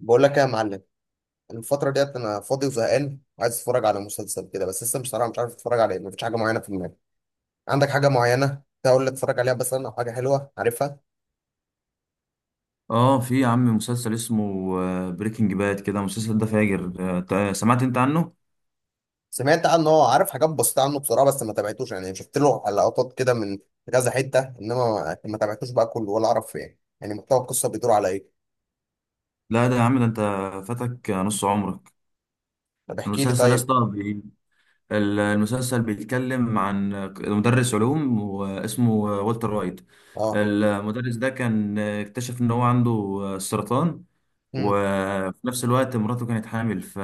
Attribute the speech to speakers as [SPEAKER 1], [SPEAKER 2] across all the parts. [SPEAKER 1] بقول لك ايه يا معلم. أنا الفترة ديت انا فاضي وزهقان وعايز اتفرج على مسلسل كده، بس لسه بصراحة مش عارف اتفرج على ايه، مفيش حاجة معينة في دماغي. عندك حاجة معينة تقول لي اتفرج عليها مثلا او حاجة حلوة عارفها؟
[SPEAKER 2] اه في يا عم مسلسل اسمه بريكنج باد كده. المسلسل ده فاجر. سمعت انت عنه؟
[SPEAKER 1] سمعت عنه، هو عارف حاجات بسيطة عنه بصراحة، بس ما تابعتوش، يعني شفت له لقطات كده من كذا حتة، انما ما تابعتوش بقى كله ولا اعرف، يعني محتوى القصة بيدور على ايه؟
[SPEAKER 2] لا ده يا عم، ده انت فاتك نص عمرك.
[SPEAKER 1] طب احكي لي
[SPEAKER 2] المسلسل يا
[SPEAKER 1] طيب.
[SPEAKER 2] اسطى، المسلسل بيتكلم عن مدرس علوم واسمه والتر وايت.
[SPEAKER 1] اه.
[SPEAKER 2] المدرس ده كان اكتشف ان هو عنده سرطان،
[SPEAKER 1] امم
[SPEAKER 2] وفي نفس الوقت مراته كانت حامل. ف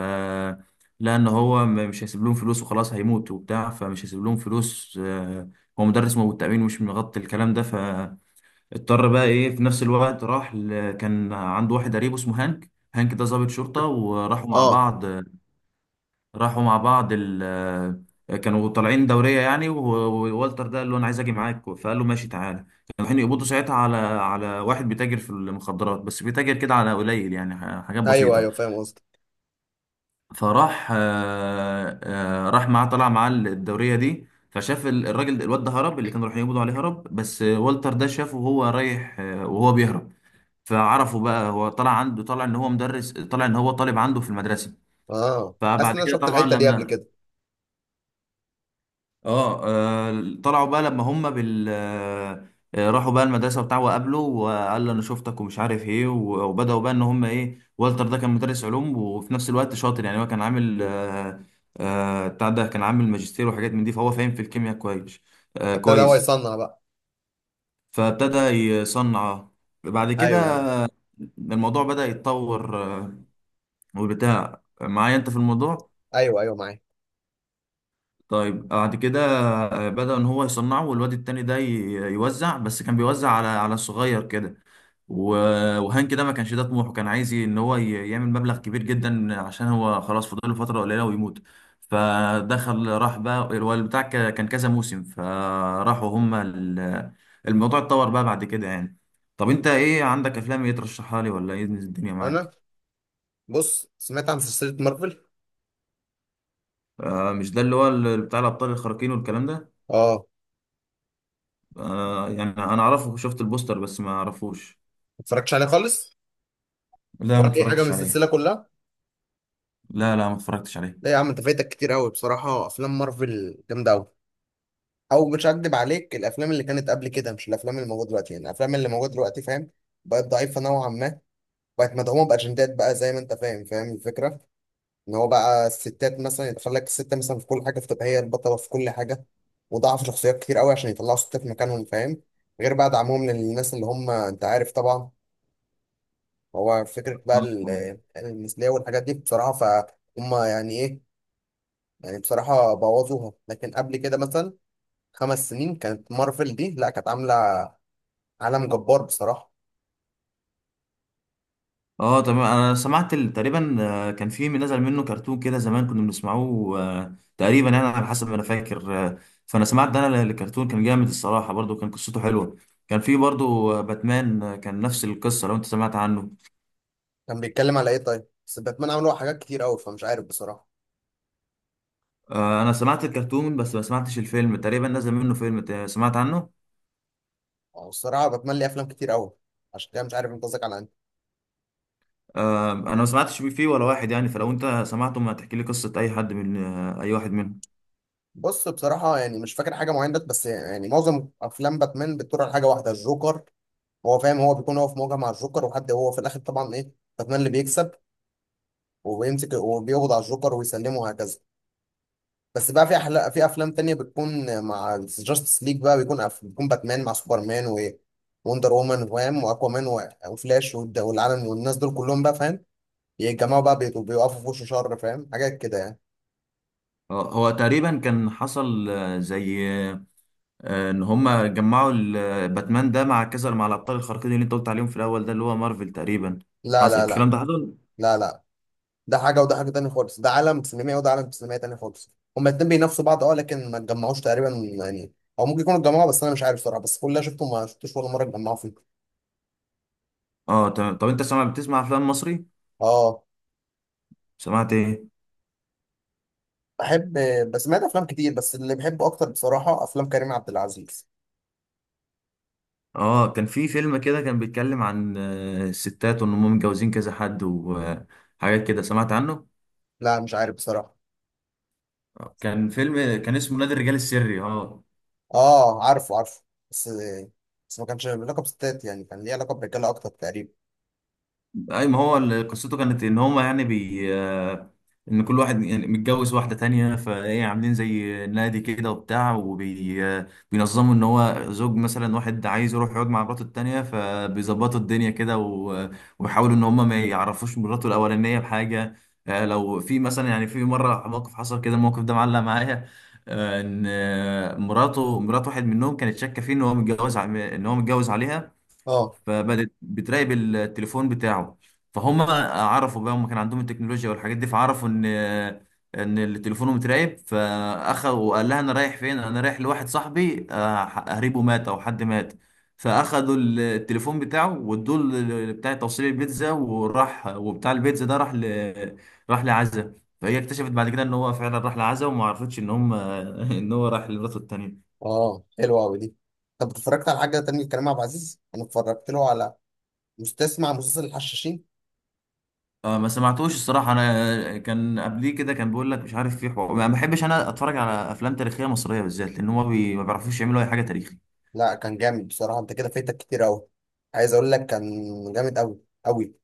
[SPEAKER 2] لان هو مش هيسيب لهم فلوس، وخلاص هيموت وبتاع، فمش هيسيب لهم فلوس. هو مدرس مواد، التأمين مش مغطي الكلام ده، فاضطر بقى ايه. في نفس الوقت راح ل... كان عنده واحد قريبه اسمه هانك، هانك ده ضابط شرطة، وراحوا مع
[SPEAKER 1] اه.
[SPEAKER 2] بعض. راحوا مع بعض ال آه، كانوا طالعين دورية يعني ووالتر ده قال له أنا عايز أجي معاك، فقال له ماشي تعالى. كانوا رايحين يقبضوا ساعتها على على واحد بيتاجر في المخدرات، بس بيتاجر كده على قليل يعني، حاجات
[SPEAKER 1] ايوه
[SPEAKER 2] بسيطة.
[SPEAKER 1] ايوه، فاهم قصدك.
[SPEAKER 2] فراح راح معاه، طلع معاه الدورية دي، فشاف الواد ده هرب، اللي كانوا رايحين يقبضوا عليه هرب، بس والتر ده شافه وهو رايح وهو بيهرب. فعرفه بقى، هو طلع عنده، طلع ان هو مدرس، طلع ان هو طالب عنده في المدرسة.
[SPEAKER 1] اه، حاسس ان
[SPEAKER 2] فبعد
[SPEAKER 1] انا
[SPEAKER 2] كده
[SPEAKER 1] شفت
[SPEAKER 2] طبعا
[SPEAKER 1] الحتة دي قبل
[SPEAKER 2] لما
[SPEAKER 1] كده.
[SPEAKER 2] اه طلعوا بقى لما هم بال آه، آه، راحوا بقى المدرسه بتاعه وقابله وقال له انا شفتك ومش عارف ايه، وبداوا بقى ان هم ايه. والتر ده كان مدرس علوم وفي نفس الوقت شاطر يعني، هو كان عامل بتاع، ده كان عامل ماجستير وحاجات من دي، فهو فاهم في الكيمياء كويس،
[SPEAKER 1] فابتدى هو
[SPEAKER 2] كويس.
[SPEAKER 1] يصنع بقى.
[SPEAKER 2] فابتدى يصنع. بعد كده
[SPEAKER 1] ايوه ايوه.
[SPEAKER 2] الموضوع بدأ يتطور وبتاع. معايا انت في الموضوع؟
[SPEAKER 1] ايوه ايوه معايا.
[SPEAKER 2] طيب بعد كده بدأ ان هو يصنعه، والواد التاني ده يوزع، بس كان بيوزع على على الصغير كده، وهان كده ما كانش ده طموحه. كان عايز يعمل مبلغ كبير جدا عشان هو خلاص فاضل له فترة قليلة ويموت. فدخل راح بقى الواد بتاع كان كذا موسم. فراحوا هما الموضوع اتطور بقى بعد كده يعني. طب انت ايه عندك، افلام ايه ترشحها لي ولا ايه الدنيا
[SPEAKER 1] انا؟
[SPEAKER 2] معاك؟
[SPEAKER 1] بص، سمعت عن سلسلة مارفل؟
[SPEAKER 2] آه مش ده اللي هو بتاع الابطال الخارقين والكلام ده؟
[SPEAKER 1] اه. ما
[SPEAKER 2] آه يعني انا اعرفه، شفت البوستر بس ما اعرفوش.
[SPEAKER 1] اتفرجتش عليها خالص؟
[SPEAKER 2] لا ما
[SPEAKER 1] ولا أي حاجة من
[SPEAKER 2] اتفرجتش عليه.
[SPEAKER 1] السلسلة كلها؟
[SPEAKER 2] لا لا، ما اتفرجتش عليه.
[SPEAKER 1] لا يا عم، أنت فايتك كتير أوي بصراحة، أفلام مارفل جامدة أوي. أو مش هكدب عليك، الأفلام اللي كانت قبل كده مش الأفلام اللي موجودة دلوقتي، يعني الأفلام اللي موجودة دلوقتي فاهم، بقت ضعيفة نوعا ما، بقت مدعومة بأجندات بقى زي ما أنت فاهم، فاهم الفكرة؟ إن هو بقى الستات مثلا يدخل لك الست مثلا في كل حاجة فتبقى هي البطلة في كل حاجة، وضعف شخصيات كتير أوي عشان يطلعوا ستات في مكانهم، فاهم؟ غير بقى دعمهم للناس اللي هم أنت عارف طبعا، هو فكرة بقى
[SPEAKER 2] اه
[SPEAKER 1] المثلية والحاجات دي بصراحة، فهم يعني إيه، يعني بصراحة بوظوها. لكن قبل كده مثلا خمس سنين كانت مارفل دي، لا كانت عاملة عالم جبار بصراحة.
[SPEAKER 2] تمام، انا سمعت تقريبا كان في من نزل منه كرتون كده زمان كنا بنسمعوه تقريبا يعني، على حسب ما انا فاكر. فانا سمعت ده، انا الكرتون كان جامد الصراحه، برضو كان قصته حلوه. كان في برضو باتمان، كان نفس القصه لو انت سمعت عنه.
[SPEAKER 1] كان بيتكلم على إيه طيب؟ بس باتمان عملوا حاجات كتير أوي، فمش عارف بصراحة.
[SPEAKER 2] انا سمعت الكرتون بس ما سمعتش الفيلم، تقريبا نزل منه فيلم سمعت عنه؟
[SPEAKER 1] أو الصراحة باتمان ليه أفلام كتير أوي، عشان كده مش عارف أنت قصدك على أنهي.
[SPEAKER 2] انا ما سمعتش فيه ولا واحد يعني، فلو انت سمعته ما تحكي لي قصة اي حد من اي واحد منهم.
[SPEAKER 1] بص بصراحة يعني مش فاكر حاجة معينة، بس يعني معظم أفلام باتمان بتدور على حاجة واحدة، الجوكر. هو فاهم، هو بيكون هو في مواجهة مع الجوكر، وحد هو في الآخر طبعا إيه، باتمان اللي بيكسب وبيمسك وبيقبض على الجوكر ويسلمه، وهكذا. بس بقى في أحلى، في افلام تانية بتكون مع جاستس ليج بقى، بيكون بيكون باتمان مع سوبرمان و وندر وومن، فاهم، واكوامان وفلاش والعالم والناس دول كلهم بقى فاهم، يتجمعوا بقى بيقفوا في وش شر، فاهم، حاجات كده يعني.
[SPEAKER 2] هو تقريبا كان حصل آه، زي آه، ان هما جمعوا باتمان ده مع كذا مع الابطال الخارقين اللي انت قلت عليهم في الاول ده اللي هو مارفل تقريبا.
[SPEAKER 1] لا
[SPEAKER 2] حصل
[SPEAKER 1] لا لا.
[SPEAKER 2] الكلام ده حصل.
[SPEAKER 1] لا لا، ده حاجة وده حاجة تانية خالص، ده عالم سينمائي وده عالم سينمائي تاني خالص، هما الاتنين بينافسوا بعض. اه لكن ما اتجمعوش تقريبا يعني، او ممكن يكونوا اتجمعوا بس انا مش عارف صراحة، بس كل اللي أنا شفته ما شفتوش ولا مرة اتجمعوا فيه.
[SPEAKER 2] اه تمام. طب انت سمع بتسمع افلام مصري؟
[SPEAKER 1] اه
[SPEAKER 2] سمعت ايه؟
[SPEAKER 1] بحب. بس سمعت افلام كتير، بس اللي بحبه اكتر بصراحه افلام كريم عبد العزيز.
[SPEAKER 2] اه كان في فيلم كده كان بيتكلم عن الستات وان هم متجوزين كذا حد وحاجات كده، سمعت عنه؟
[SPEAKER 1] لا مش عارف بصراحه.
[SPEAKER 2] كان فيلم كان اسمه نادي الرجال السري. اه
[SPEAKER 1] اه عارفه عارفه، بس بس ما كانش لقب ستات يعني، كان ليه علاقه برجاله اكتر تقريبا.
[SPEAKER 2] اي، ما هو قصته كانت ان هما يعني بي آه، ان كل واحد يعني متجوز واحده تانية، فايه عاملين زي نادي كده وبتاع، وبينظموا ان هو زوج مثلا واحد عايز يروح يقعد مع مراته التانية فبيظبطوا الدنيا كده وبيحاولوا ان هما ما يعرفوش مراته الاولانيه بحاجه. لو في مثلا، يعني في مره موقف حصل كده، الموقف ده معلق معايا. آه، ان آه، مراته، مرات واحد منهم، كانت شاكه فيه ان هو متجوز ع- ان هو متجوز عليها.
[SPEAKER 1] اه.
[SPEAKER 2] فبدت بتراقب التليفون بتاعه. فهم عرفوا بقى، هم كان عندهم التكنولوجيا والحاجات دي، فعرفوا ان ان اللي تليفونه متراقب، فاخذ وقال لها انا رايح فين، انا رايح لواحد صاحبي قريبه مات او حد مات. فاخدوا التليفون بتاعه وادوه ل بتاع توصيل البيتزا، وراح وبتاع البيتزا ده راح ل... راح لعزة. فهي اكتشفت بعد كده ان هو فعلا راح لعزة، وما عرفتش ان هم ان هو راح لمراته التانية.
[SPEAKER 1] اه حلوه قوي دي. طب اتفرجت على حاجه تانية لكريم عبد العزيز؟ انا اتفرجت له على مستسمع مسلسل الحشاشين.
[SPEAKER 2] اه ما سمعتوش الصراحة، انا كان قبليه كده كان بيقول لك مش عارف في حوار. ما بحبش انا اتفرج على افلام تاريخية مصرية بالذات، لان هم بي... ما بيعرفوش يعملوا اي حاجة تاريخي.
[SPEAKER 1] لا كان جامد بصراحه، انت كده فايتك كتير قوي، عايز اقول لك كان جامد قوي قوي.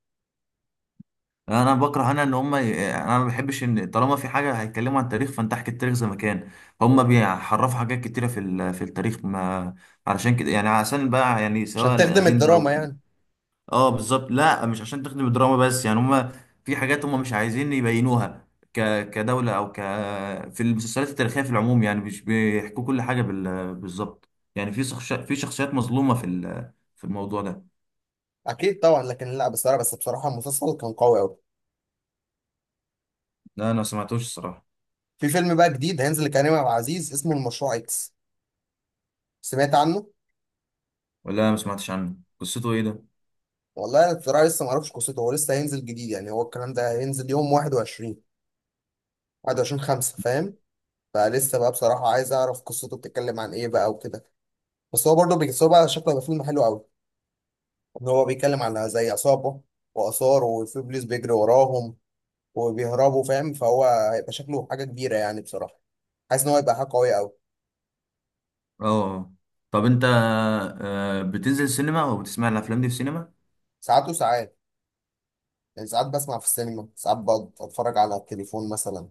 [SPEAKER 2] يعني انا بكره انا ان هم يعني انا ما بحبش ان طالما في حاجة هيتكلموا عن التاريخ فانت احكي التاريخ زي ما كان. هم بيحرفوا حاجات كتيرة في ال... في التاريخ ما، علشان كده يعني، عشان بقى يعني
[SPEAKER 1] عشان
[SPEAKER 2] سواء
[SPEAKER 1] تخدم
[SPEAKER 2] الاجندة او
[SPEAKER 1] الدراما يعني.
[SPEAKER 2] اه بالظبط. لا مش عشان تخدم الدراما بس يعني، هما في حاجات هما مش عايزين يبينوها ك كدولة او ك في المسلسلات التاريخية في العموم يعني مش بيحكوا كل حاجة بال... بالظبط. يعني في شخص... في شخصيات مظلومة في ال... في الموضوع ده.
[SPEAKER 1] اكيد طبعا، لكن لا بصراحه، بس بصراحه المسلسل كان قوي قوي.
[SPEAKER 2] لا انا ما سمعتوش الصراحة.
[SPEAKER 1] في فيلم بقى جديد هينزل لكريم عبد العزيز اسمه المشروع اكس، سمعت عنه؟
[SPEAKER 2] ولا ما سمعتش عنه، قصته ايه ده؟
[SPEAKER 1] والله انا بصراحه لسه ما اعرفش قصته، هو لسه هينزل جديد يعني، هو الكلام ده هينزل يوم 21، 21 5 فاهم، فلسه بقى بصراحه عايز اعرف قصته بتتكلم عن ايه بقى وكده، بس هو برضه بس هو بقى شكله هيبقى فيلم حلو قوي، ان هو بيتكلم على زي عصابه واثار، وفي بوليس بيجري وراهم وبيهربوا، فاهم، فهو هيبقى شكله حاجه كبيره يعني بصراحه، حاسس ان هو هيبقى حاجه قويه قوي.
[SPEAKER 2] اه طب انت بتنزل السينما او بتسمع الافلام دي في السينما؟
[SPEAKER 1] ساعات وساعات، يعني ساعات بسمع في السينما، ساعات بتفرج على التليفون مثلا،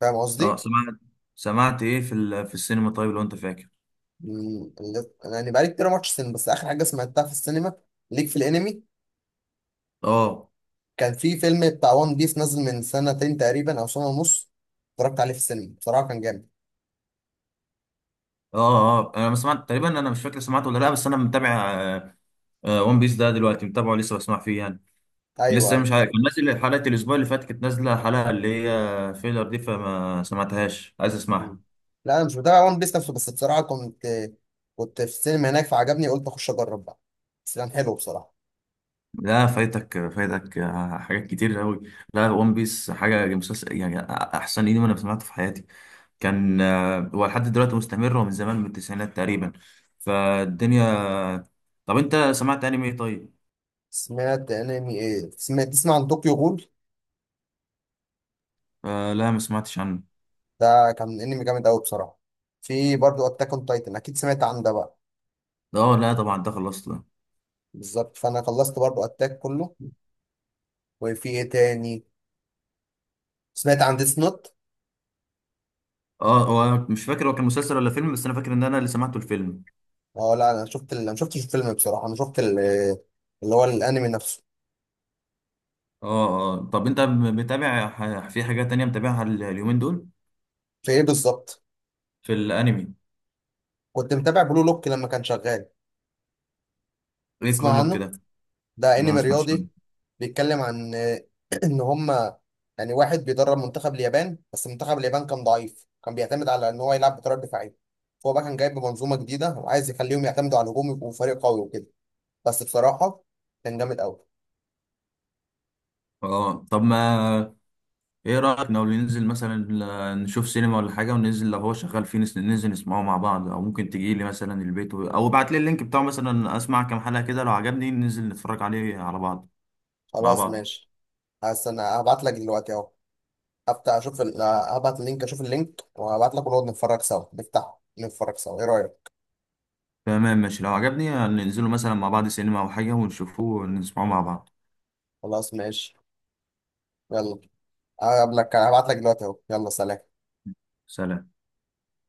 [SPEAKER 1] فاهم
[SPEAKER 2] اه
[SPEAKER 1] قصدي.
[SPEAKER 2] سمعت. سمعت ايه في ال... في السينما طيب لو انت فاكر؟
[SPEAKER 1] أنا يعني بقالي كتير ماتش سينما، بس آخر حاجة سمعتها في السينما ليك في الأنمي،
[SPEAKER 2] اه
[SPEAKER 1] كان في فيلم بتاع وان بيس نازل من سنتين تقريبا أو سنة ونص، اتفرجت عليه في السينما بصراحة كان جامد.
[SPEAKER 2] اه. اه انا ما سمعت تقريبا، انا مش فاكر سمعته ولا لا، بس انا متابع ون بيس ده دلوقتي، متابعه لسه بسمع فيه يعني.
[SPEAKER 1] أيوه
[SPEAKER 2] لسه
[SPEAKER 1] أيوه.
[SPEAKER 2] مش عارف، كان نازل حلقة الاسبوع اللي فات، كانت نازلة الحلقة اللي هي فيلر دي فما سمعتهاش، عايز
[SPEAKER 1] مم.
[SPEAKER 2] اسمعها.
[SPEAKER 1] لا أنا مش متابع وان بيس نفسه، بس بصراحة كنت، كنت في السينما هناك فعجبني قلت أخش أجرب بقى، بس كان حلو بصراحة.
[SPEAKER 2] لا فايتك، فايتك حاجات كتير قوي. لا ون بيس حاجة، مسلسل يعني احسن انمي انا سمعته في حياتي. كان هو لحد دلوقتي مستمر، ومن زمان من التسعينات تقريبا، فالدنيا. طب انت سمعت انمي ايه طيب؟
[SPEAKER 1] سمعت أنمي إيه، سمعت تسمع عن طوكيو غول؟
[SPEAKER 2] آه لا ما سمعتش عنه.
[SPEAKER 1] ده كان أنمي جامد أوي بصراحة. في برضه أتاك أون تايتن، أكيد سمعت عن ده بقى.
[SPEAKER 2] اه لا طبعا ده خلصت.
[SPEAKER 1] بالظبط، فأنا خلصت برضه أتاك كله. وفي إيه تاني، سمعت عن ديس نوت؟
[SPEAKER 2] اه هو أنا مش فاكر هو كان مسلسل ولا فيلم، بس انا فاكر ان انا اللي سمعته الفيلم.
[SPEAKER 1] اه لا، انا شفت انا شفتش الفيلم بصراحه، انا شفت اللي هو الانمي نفسه.
[SPEAKER 2] اه اه طب انت متابع في حاجات تانية متابعها اليومين دول؟
[SPEAKER 1] في ايه بالظبط؟
[SPEAKER 2] في الانمي؟
[SPEAKER 1] كنت متابع بلو لوك لما كان شغال.
[SPEAKER 2] ايه
[SPEAKER 1] تسمع
[SPEAKER 2] كرولوك
[SPEAKER 1] عنه؟
[SPEAKER 2] كده؟ لا
[SPEAKER 1] ده
[SPEAKER 2] انا ما
[SPEAKER 1] انمي
[SPEAKER 2] سمعتش عنه.
[SPEAKER 1] رياضي، بيتكلم عن ان هما يعني، واحد بيدرب منتخب اليابان، بس منتخب اليابان كان ضعيف، كان بيعتمد على ان هو يلعب بطريقه دفاعيه، فهو بقى كان جايب منظومه جديده وعايز يخليهم يعتمدوا على الهجوم، يبقوا فريق قوي وكده، بس بصراحه كان جامد قوي.
[SPEAKER 2] اه طب ما ايه رأيك لو ننزل مثلا نشوف سينما ولا حاجة، وننزل لو هو شغال فيه ننزل نسمعه مع بعض، او ممكن تجي لي مثلا البيت او ابعت لي اللينك بتاعه مثلا، اسمع كام حلقة كده لو عجبني ننزل نتفرج عليه على بعض مع
[SPEAKER 1] خلاص
[SPEAKER 2] بعض.
[SPEAKER 1] ماشي، هستنى هبعت لك دلوقتي اهو، هفتح اشوف هبعت اللينك، اشوف اللينك وهبعت لك، ونقعد نتفرج سوا، نفتحه نتفرج سوا، ايه رأيك؟
[SPEAKER 2] تمام ماشي، لو عجبني ننزله مثلا مع بعض سينما او حاجة ونشوفه ونسمعه مع بعض.
[SPEAKER 1] خلاص ماشي، يلا، هقابلك، هبعت لك دلوقتي اهو، يلا سلام.
[SPEAKER 2] سلام.